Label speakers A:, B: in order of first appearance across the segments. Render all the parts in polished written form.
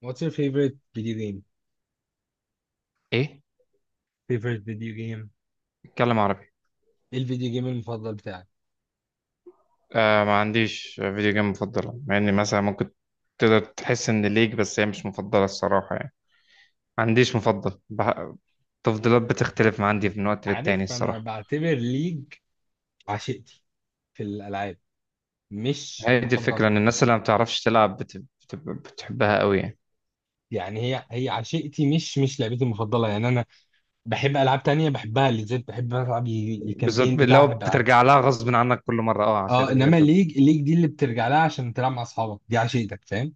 A: What's your favorite video game?
B: ايه؟
A: Favorite video game؟
B: اتكلم عربي.
A: ايه الفيديو جيم المفضل بتاعك؟
B: آه، ما عنديش فيديو جيم مفضله، مع اني مثلا ممكن تقدر تحس ان ليك، بس هي مش مفضله الصراحه، يعني ما عنديش مفضل التفضيلات بتختلف عندي من وقت للتاني
A: عارف، انا
B: الصراحه.
A: بعتبر ليج عشيقتي في الالعاب، مش
B: هي دي الفكره،
A: المفضله.
B: ان الناس اللي ما بتعرفش تلعب بتحبها قوي، يعني
A: يعني هي عشيقتي، مش لعبتي المفضله. يعني انا بحب العاب تانية بحبها، اللي زي بحب العب
B: بالذات
A: الكامبين بتاعها،
B: لو
A: بحب العب.
B: بترجع لها غصب عنك كل مره، اه، عشان
A: اه،
B: اللي
A: انما
B: انت
A: ليج ليج دي اللي بترجع لها عشان تلعب مع اصحابك، دي عشيقتك، فاهم؟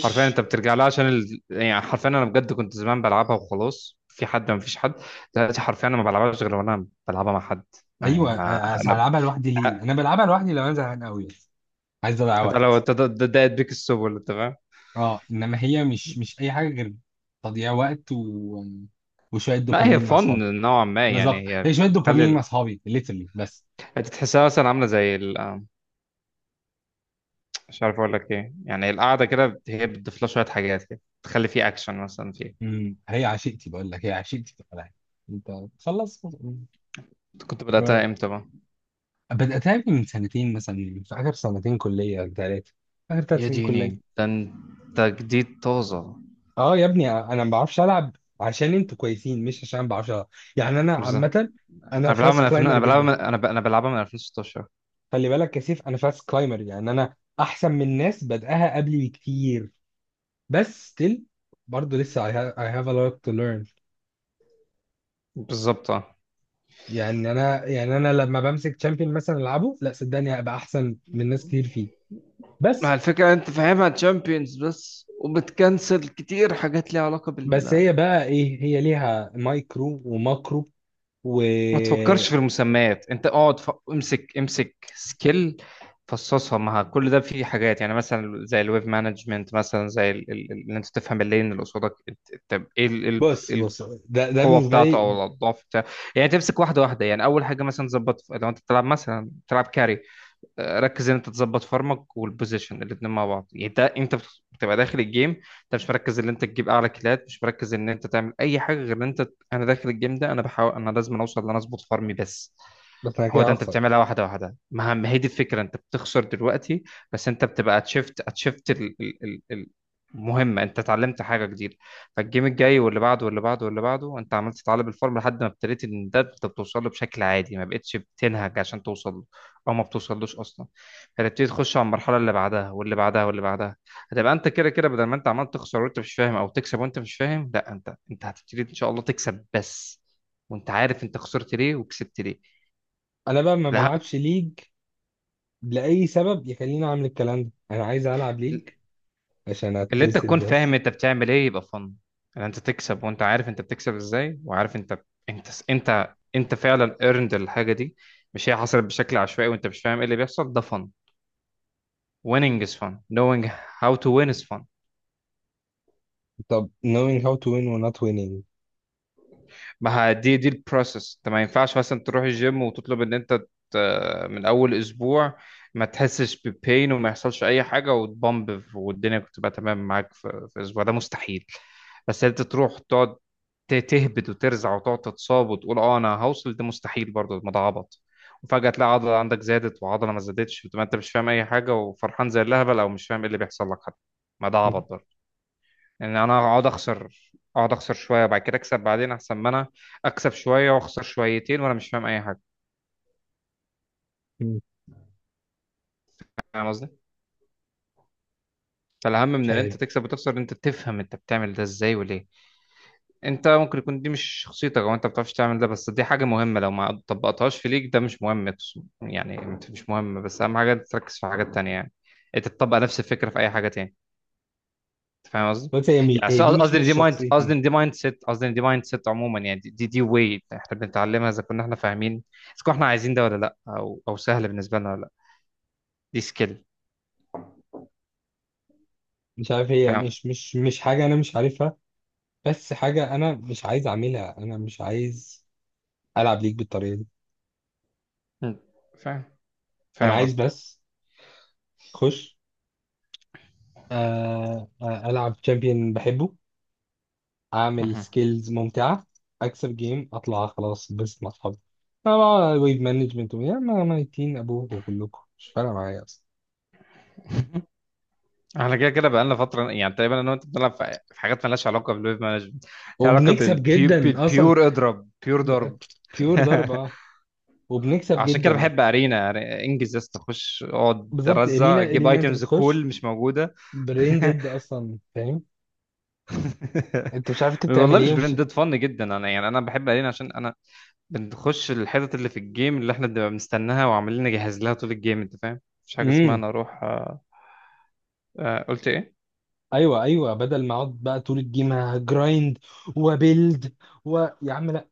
B: حرفيا انت بترجع لها عشان يعني حرفيا انا بجد كنت زمان بلعبها وخلاص، في حد، ما فيش حد دلوقتي، حرفيا انا ما بلعبهاش غير وانا بلعبها مع حد، يعني
A: ايوه.
B: انا.
A: هلعبها لوحدي ليه؟ انا بلعبها لوحدي لو انا زهقان قوي، عايز اضيع
B: ده لو
A: وقت.
B: انت ده بيك السبل، انت فاهم.
A: اه، انما هي مش اي حاجه غير تضييع وقت وشويه
B: لا، هي
A: دوبامين مع اصحابي.
B: فن نوعا ما، يعني
A: بالظبط،
B: هي
A: هي شويه
B: تخلي
A: دوبامين مع اصحابي ليترلي، بس.
B: انت تحسها مثلا عامله زي ال... آه، مش عارف اقول لك ايه، يعني القعده كده هي بتضيف لها شويه حاجات كده، تخلي فيه اكشن مثلا فيه.
A: هي عشيقتي، بقول لك هي عشيقتي في الالعاب. انت خلص،
B: انت كنت بداتها
A: رايح.
B: امتى بقى؟
A: بداتها من سنتين مثلا، في اخر سنتين كليه أو ثلاثه، اخر ثلاث
B: يا
A: سنين
B: ديني،
A: كليه.
B: ده انت جديد طازه.
A: اه يا ابني، انا ما بعرفش العب عشان انتوا كويسين، مش عشان ما بعرفش العب. يعني انا
B: بالظبط.
A: عامه انا
B: انا بلعبها من
A: فاست
B: 2000،
A: كلايمر
B: انا بلعبها
A: جدا.
B: انا بلعبها من 2016.
A: خلي بالك يا سيف، انا فاست كلايمر، يعني انا احسن من ناس بدأها قبلي بكتير. بس still، برضه لسه I have, I have a lot to learn.
B: بالظبط، اه.
A: يعني انا لما بمسك تشامبيون مثلا العبه، لا صدقني هبقى احسن من ناس كتير فيه،
B: ما
A: بس.
B: الفكره انت فاهمها تشامبيونز بس، وبتكنسل كتير حاجات ليها علاقه
A: بس
B: بال.
A: هي بقى ايه، هي ليها مايكرو وماكرو و
B: ما تفكرش في المسميات، انت اقعد امسك امسك سكيل، فصصها مع كل ده. في حاجات يعني، مثلا زي الويب مانجمنت، مثلا زي ان انت تفهم اللين اللي قصادك طب ايه
A: بص بص ده
B: القوه
A: بالنسبه
B: بتاعته
A: لي،
B: او الاضعاف بتاعته. يعني تمسك واحده واحده، يعني اول حاجه مثلا تظبط، لو انت بتلعب مثلا بتلعب كاري، ركز ان انت تظبط فارمك والبوزيشن الاتنين مع بعض، يعني انت بتبقى داخل الجيم، انت مش مركز ان انت تجيب اعلى كيلات، مش مركز ان انت تعمل اي حاجه غير ان انت، انا داخل الجيم ده، انا بحاول، انا لازم اوصل ان انا اظبط فارمي بس.
A: بس انا
B: هو
A: كده
B: ده، انت
A: هخسر.
B: بتعملها واحده واحده. ما هي دي الفكره، انت بتخسر دلوقتي بس انت بتبقى اتشفت مهمة، انت اتعلمت حاجة جديدة. فالجيم الجاي واللي بعده واللي بعده واللي بعده انت عملت تتعلم الفورم، لحد ما ابتديت ان ده انت بتوصل له بشكل عادي، ما بقتش بتنهج عشان توصل، او ما بتوصلوش اصلا. هتبتدي تخش على المرحله اللي بعدها واللي بعدها واللي بعدها، هتبقى انت كده كده بدل ما انت عمال تخسر وانت مش فاهم او تكسب وانت مش فاهم، لا، انت هتبتدي ان شاء الله تكسب بس، وانت عارف انت خسرت ليه وكسبت ليه.
A: انا بقى ما
B: الاهم
A: بلعبش ليج لاي سبب يخليني اعمل الكلام ده. انا عايز العب ليج عشان
B: اللي انت
A: اتبسط
B: تكون فاهم
A: بس.
B: انت بتعمل ايه، يبقى فن. ان انت تكسب وانت عارف انت بتكسب ازاي، وعارف انت فعلا earned الحاجه دي، مش هي حصلت بشكل عشوائي وانت مش فاهم ايه اللي بيحصل، ده فن. Winning is fun, knowing how to win is fun.
A: طب knowing how to win or not winning.
B: ما ه- دي البروسس. انت ما ينفعش مثلا تروح الجيم وتطلب ان انت ت- من اول اسبوع ما تحسش ببين وما يحصلش اي حاجه وتبامب والدنيا تبقى تمام معاك في اسبوع، ده مستحيل. بس انت تروح تقعد تهبد وترزع وتقعد تتصاب وتقول اه انا هوصل، ده مستحيل برضه، الموضوع عبط. وفجأة تلاقي عضلة عندك زادت وعضلة ما زادتش، وتبقى انت مش فاهم اي حاجة وفرحان زي الهبل، او مش فاهم ايه اللي بيحصل لك حتى. ما ده عبط برضه، ان انا اقعد اخسر، اقعد اخسر شويه وبعد كده اكسب بعدين، احسن ما انا اكسب شويه واخسر شويتين وانا مش فاهم اي حاجه. فاهم قصدي؟ فالاهم
A: مش
B: من ان
A: عارف.
B: انت تكسب وتخسر، ان انت تفهم انت بتعمل ده ازاي وليه. انت ممكن يكون دي مش شخصيتك، او انت ما بتعرفش تعمل ده، بس دي حاجه مهمه. لو ما طبقتهاش في ليك، ده مش مهم يعني، مش مهم، بس اهم حاجه أنت تركز في حاجات تانية، يعني انت تطبق نفس الفكره في اي حاجه تاني. أنت فاهم قصدي؟
A: بص، هي
B: يعني
A: هي دي مش مش شخصيتي.
B: قصدي إن دي مايند سيت عموما، يعني دي واي احنا بنتعلمها، اذا كنا احنا فاهمين، اذا كنا احنا عايزين ده ولا لا، او او سهل بالنسبه لنا ولا لا، دي سكيل.
A: مش عارف، هي
B: فاهم.
A: مش حاجة أنا مش عارفها، بس حاجة أنا مش عايز أعملها. أنا مش عايز ألعب ليك بالطريقة دي.
B: م. فاهم.
A: أنا
B: فاهم
A: عايز
B: قصدي.
A: بس أخش، ألعب شامبيون بحبه، أعمل
B: مهم.
A: سكيلز ممتعة، أكسب جيم، أطلع خلاص بس مع أصحابي. أنا بقى ويب مانجمنت ويا ما ميتين أبوكوا، كلكم مش فارقة معايا أصلا.
B: احنا كده كده بقالنا فتره، يعني تقريبا انا وانت بنلعب في حاجات مالهاش علاقه بالويب مانجمنت، لها علاقه
A: وبنكسب جدا أصلا.
B: بالبيور، اضرب بيور
A: ب-
B: ضرب.
A: بيور ضربة، آه. وبنكسب
B: عشان كده
A: جدا.
B: بحب ارينا، يعني انجز يا اسطى، خش اقعد
A: بالظبط،
B: رزع،
A: إرينا.
B: جيب
A: إرينا أنت
B: ايتمز،
A: بتخش
B: كول مش موجوده.
A: برين ديد أصلا، فاهم. انت مش عارف انت بتعمل
B: والله
A: ايه
B: مش
A: ومش.
B: برندد، فن جدا. انا يعني انا بحب الين عشان انا بنخش الحتت اللي في الجيم اللي احنا بنبقى مستناها وعمالين نجهز لها طول الجيم، انت فاهم، مفيش حاجه اسمها
A: امم
B: انا اروح. قلت ايه؟
A: ايوه، ايوه، بدل ما اقعد بقى طول الجيم هجرايند وبيلد و، يا عم لا،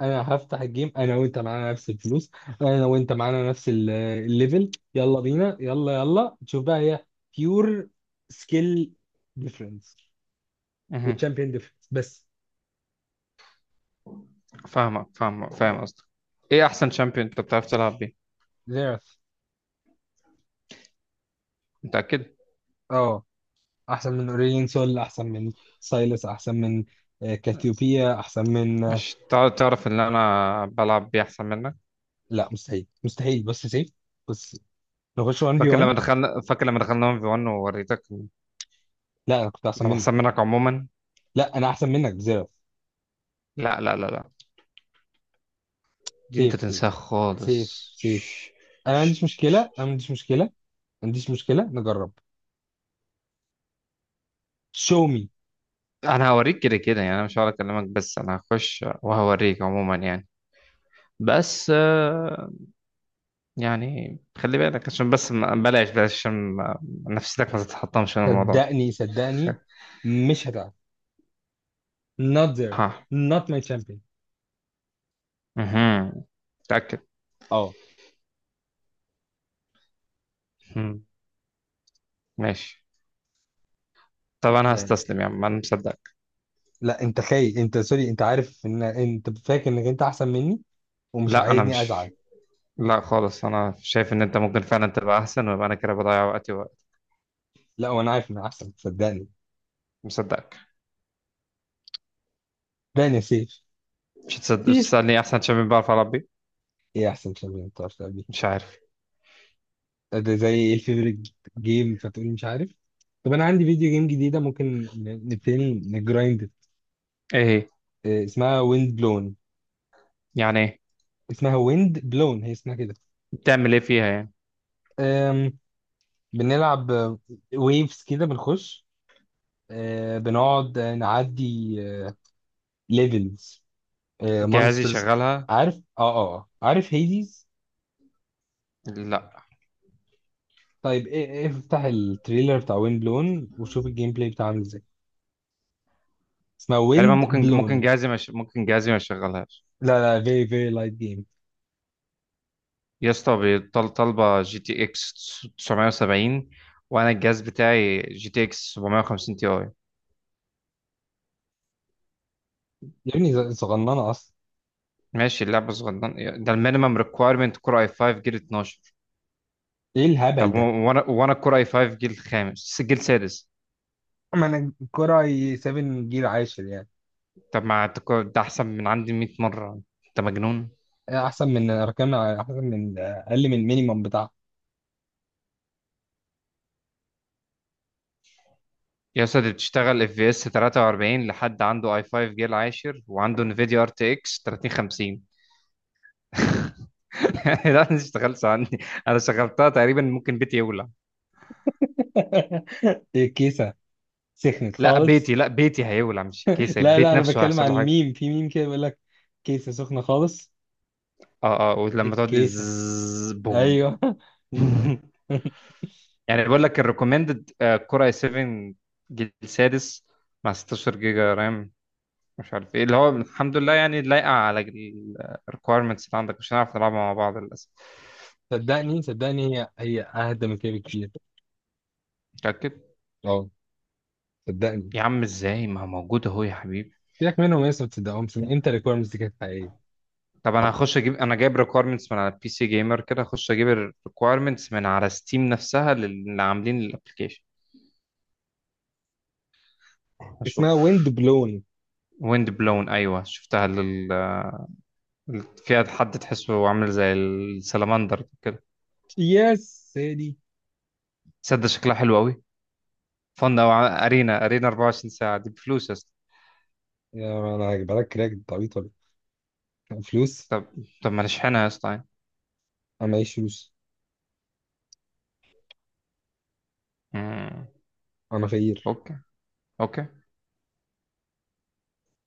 A: انا هفتح الجيم. انا وانت معانا نفس الفلوس، انا وانت معانا نفس الليفل، يلا بينا، يلا يلا تشوف بقى هي بيور سكيل ديفرنس
B: مهم.
A: وتشامبيون ديفرنس بس.
B: فاهمك فاهمك فاهم قصدك. ايه احسن شامبيون انت بتعرف تلعب بيه؟
A: زيرف.
B: متاكد؟
A: اه، احسن من اوريلين سول، احسن من سايلس، احسن من كاثيوبيا، احسن من
B: عشان تعرف ان انا بلعب بيه احسن منك.
A: لا مستحيل مستحيل. بص يا سيف، بص، نخش 1 في 1.
B: فاكر لما دخلنا 1 في 1 ووريتك إن
A: لا، انا كنت احسن
B: انا
A: منك.
B: احسن منك عموما.
A: لا، انا احسن منك بزيرو.
B: لا لا لا لا، دي انت
A: سيف، سيف،
B: تنساها
A: سيف،
B: خالص.
A: سيف، انا ما عنديش مشكله، انا ما عنديش مشكله، ما عنديش مشكله، نجرب. Show me.
B: انا هوريك كده كده، يعني انا مش هقعد اكلمك بس انا هخش وهوريك عموما. يعني بس يعني خلي بالك، عشان بس بلاش بلاش، عشان نفسيتك ما تتحطمش من الموضوع ده.
A: صدقني، صدقني مش هتعرف. Not there.
B: ها.
A: Not my champion.
B: مهم. متأكد؟
A: اه.
B: مهم. ماشي. طب انا
A: يعني،
B: هستسلم يا عم، انا مصدقك.
A: لا انت خايف. انت سوري، انت عارف ان انت فاكر انك انت احسن مني ومش
B: لا انا
A: عايزني
B: مش،
A: ازعل.
B: لا خالص، انا شايف ان انت ممكن فعلا تبقى احسن، ويبقى انا كده بضيع وقتي ووقت.
A: لا، وانا عارف ان انا احسن، صدقني.
B: مصدقك.
A: صدقني يا سيف.
B: مش
A: سيف،
B: تسألني احسن شباب بعرف اربي؟
A: ايه احسن شامبيون انت؟
B: مش عارف.
A: ده زي ايه الفيفوريت جيم فتقولي مش عارف. طب انا عندي فيديو جيم جديده، ممكن نبتدي نجرايند.
B: ايه هي؟
A: اسمها ويند بلون.
B: يعني ايه؟
A: اسمها ويند بلون، هي اسمها كده.
B: بتعمل ايه فيها يعني؟
A: آم، بنلعب ويفز كده، بنخش، بنقعد نعدي ليفلز،
B: جهازي
A: مونسترز.
B: شغالها؟
A: عارف؟ اه، اه، آه. عارف هيديز؟
B: لا،
A: طيب، إيه إيه افتح التريلر بتاع ويند بلون وشوف الجيم بلاي بتاعه عامل ازاي. اسمها
B: تقريبا
A: ويند بلون.
B: ممكن جهازي ما يشغلهاش.
A: لا لا، فيري فيري لايت جيم.
B: يا اسطى طالبه جي تي اكس 970، وانا الجهاز بتاعي جي تي اكس 750 تي اي.
A: يا ابني، صغننه اصلا.
B: ماشي، اللعبه صغيره. ده المينيمم ريكويرمنت كور اي 5 جيل 12.
A: ايه الهبل
B: طب
A: ده؟
B: وانا كور اي 5 جيل خامس جيل سادس.
A: ما انا الكرة 7 جيل عاشر يعني.
B: طب ما أنت ده احسن من عندي 100 مره، انت مجنون.
A: احسن من ارقام، احسن من اقل من المينيمم بتاعها.
B: يا اسطى دي بتشتغل اف في اس 43 لحد عنده اي 5 جيل عاشر وعنده انفيديا ار تي اكس 3050. لا انا اشتغلت عني. انا شغلتها، تقريبا ممكن بيتي يولع.
A: الكيسة سخنت
B: لا بيتي،
A: خالص.
B: لا بيتي هيولع مش الكيسه،
A: لا لا،
B: البيت
A: انا
B: نفسه
A: بتكلم
B: هيحصل له
A: على
B: حاجه.
A: الميم في ميم كده، بيقول لك كيسة سخنة خالص.
B: اه اه،
A: إيه
B: ولما تقعد
A: الكيسة؟
B: ازز، بوم.
A: ايوه.
B: يعني بقول لك الريكومندد كور اي 7 جيل سادس مع 16 جيجا رام، مش عارف ايه اللي هو. الحمد لله يعني لايقه على الريكويرمنتس اللي عندك. مش هنعرف نلعبها مع بعض للاسف.
A: صدقني، صدقني هي اهدى من كده بكتير.
B: متاكد؟
A: اه، صدقني.
B: يا عم ازاي، ما هو موجود اهو يا حبيبي.
A: سيبك منهم يا اسطى، ما تصدقهمش. من امتى الريكويرمنتس دي كانت حقيقية؟
B: طب انا هخش اجيب، انا جايب ريكويرمنتس من على بي سي جيمر، كده هخش اجيب الريكويرمنتس من على ستيم نفسها، اللي عاملين الابلكيشن.
A: اسمها
B: اشوف.
A: ويند بلون.
B: ويند بلون، ايوه شفتها فيها حد تحسه عامل زي السلمندر كده.
A: يا سيدي.
B: تصدق شكلها حلو قوي. فن او ارينا. ارينا 24 ساعه دي بفلوس يا اسطى.
A: يا انا هجيبها لك كراك، طبيعي طبيعي. فلوس؟
B: طب طب ما نشحنها يا اسطى يعني.
A: انا معيش فلوس.
B: مم.
A: انا فقير.
B: اوكي. اوكي.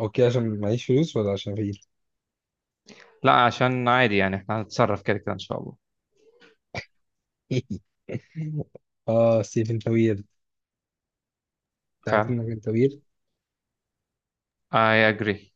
A: اوكي عشان معيش فلوس ولا عشان فقير؟
B: لا، عشان عادي يعني احنا هنتصرف كده كده ان شاء الله.
A: اه، ستيفن توير. انت عارف
B: فعلا.
A: انك انت
B: I agree.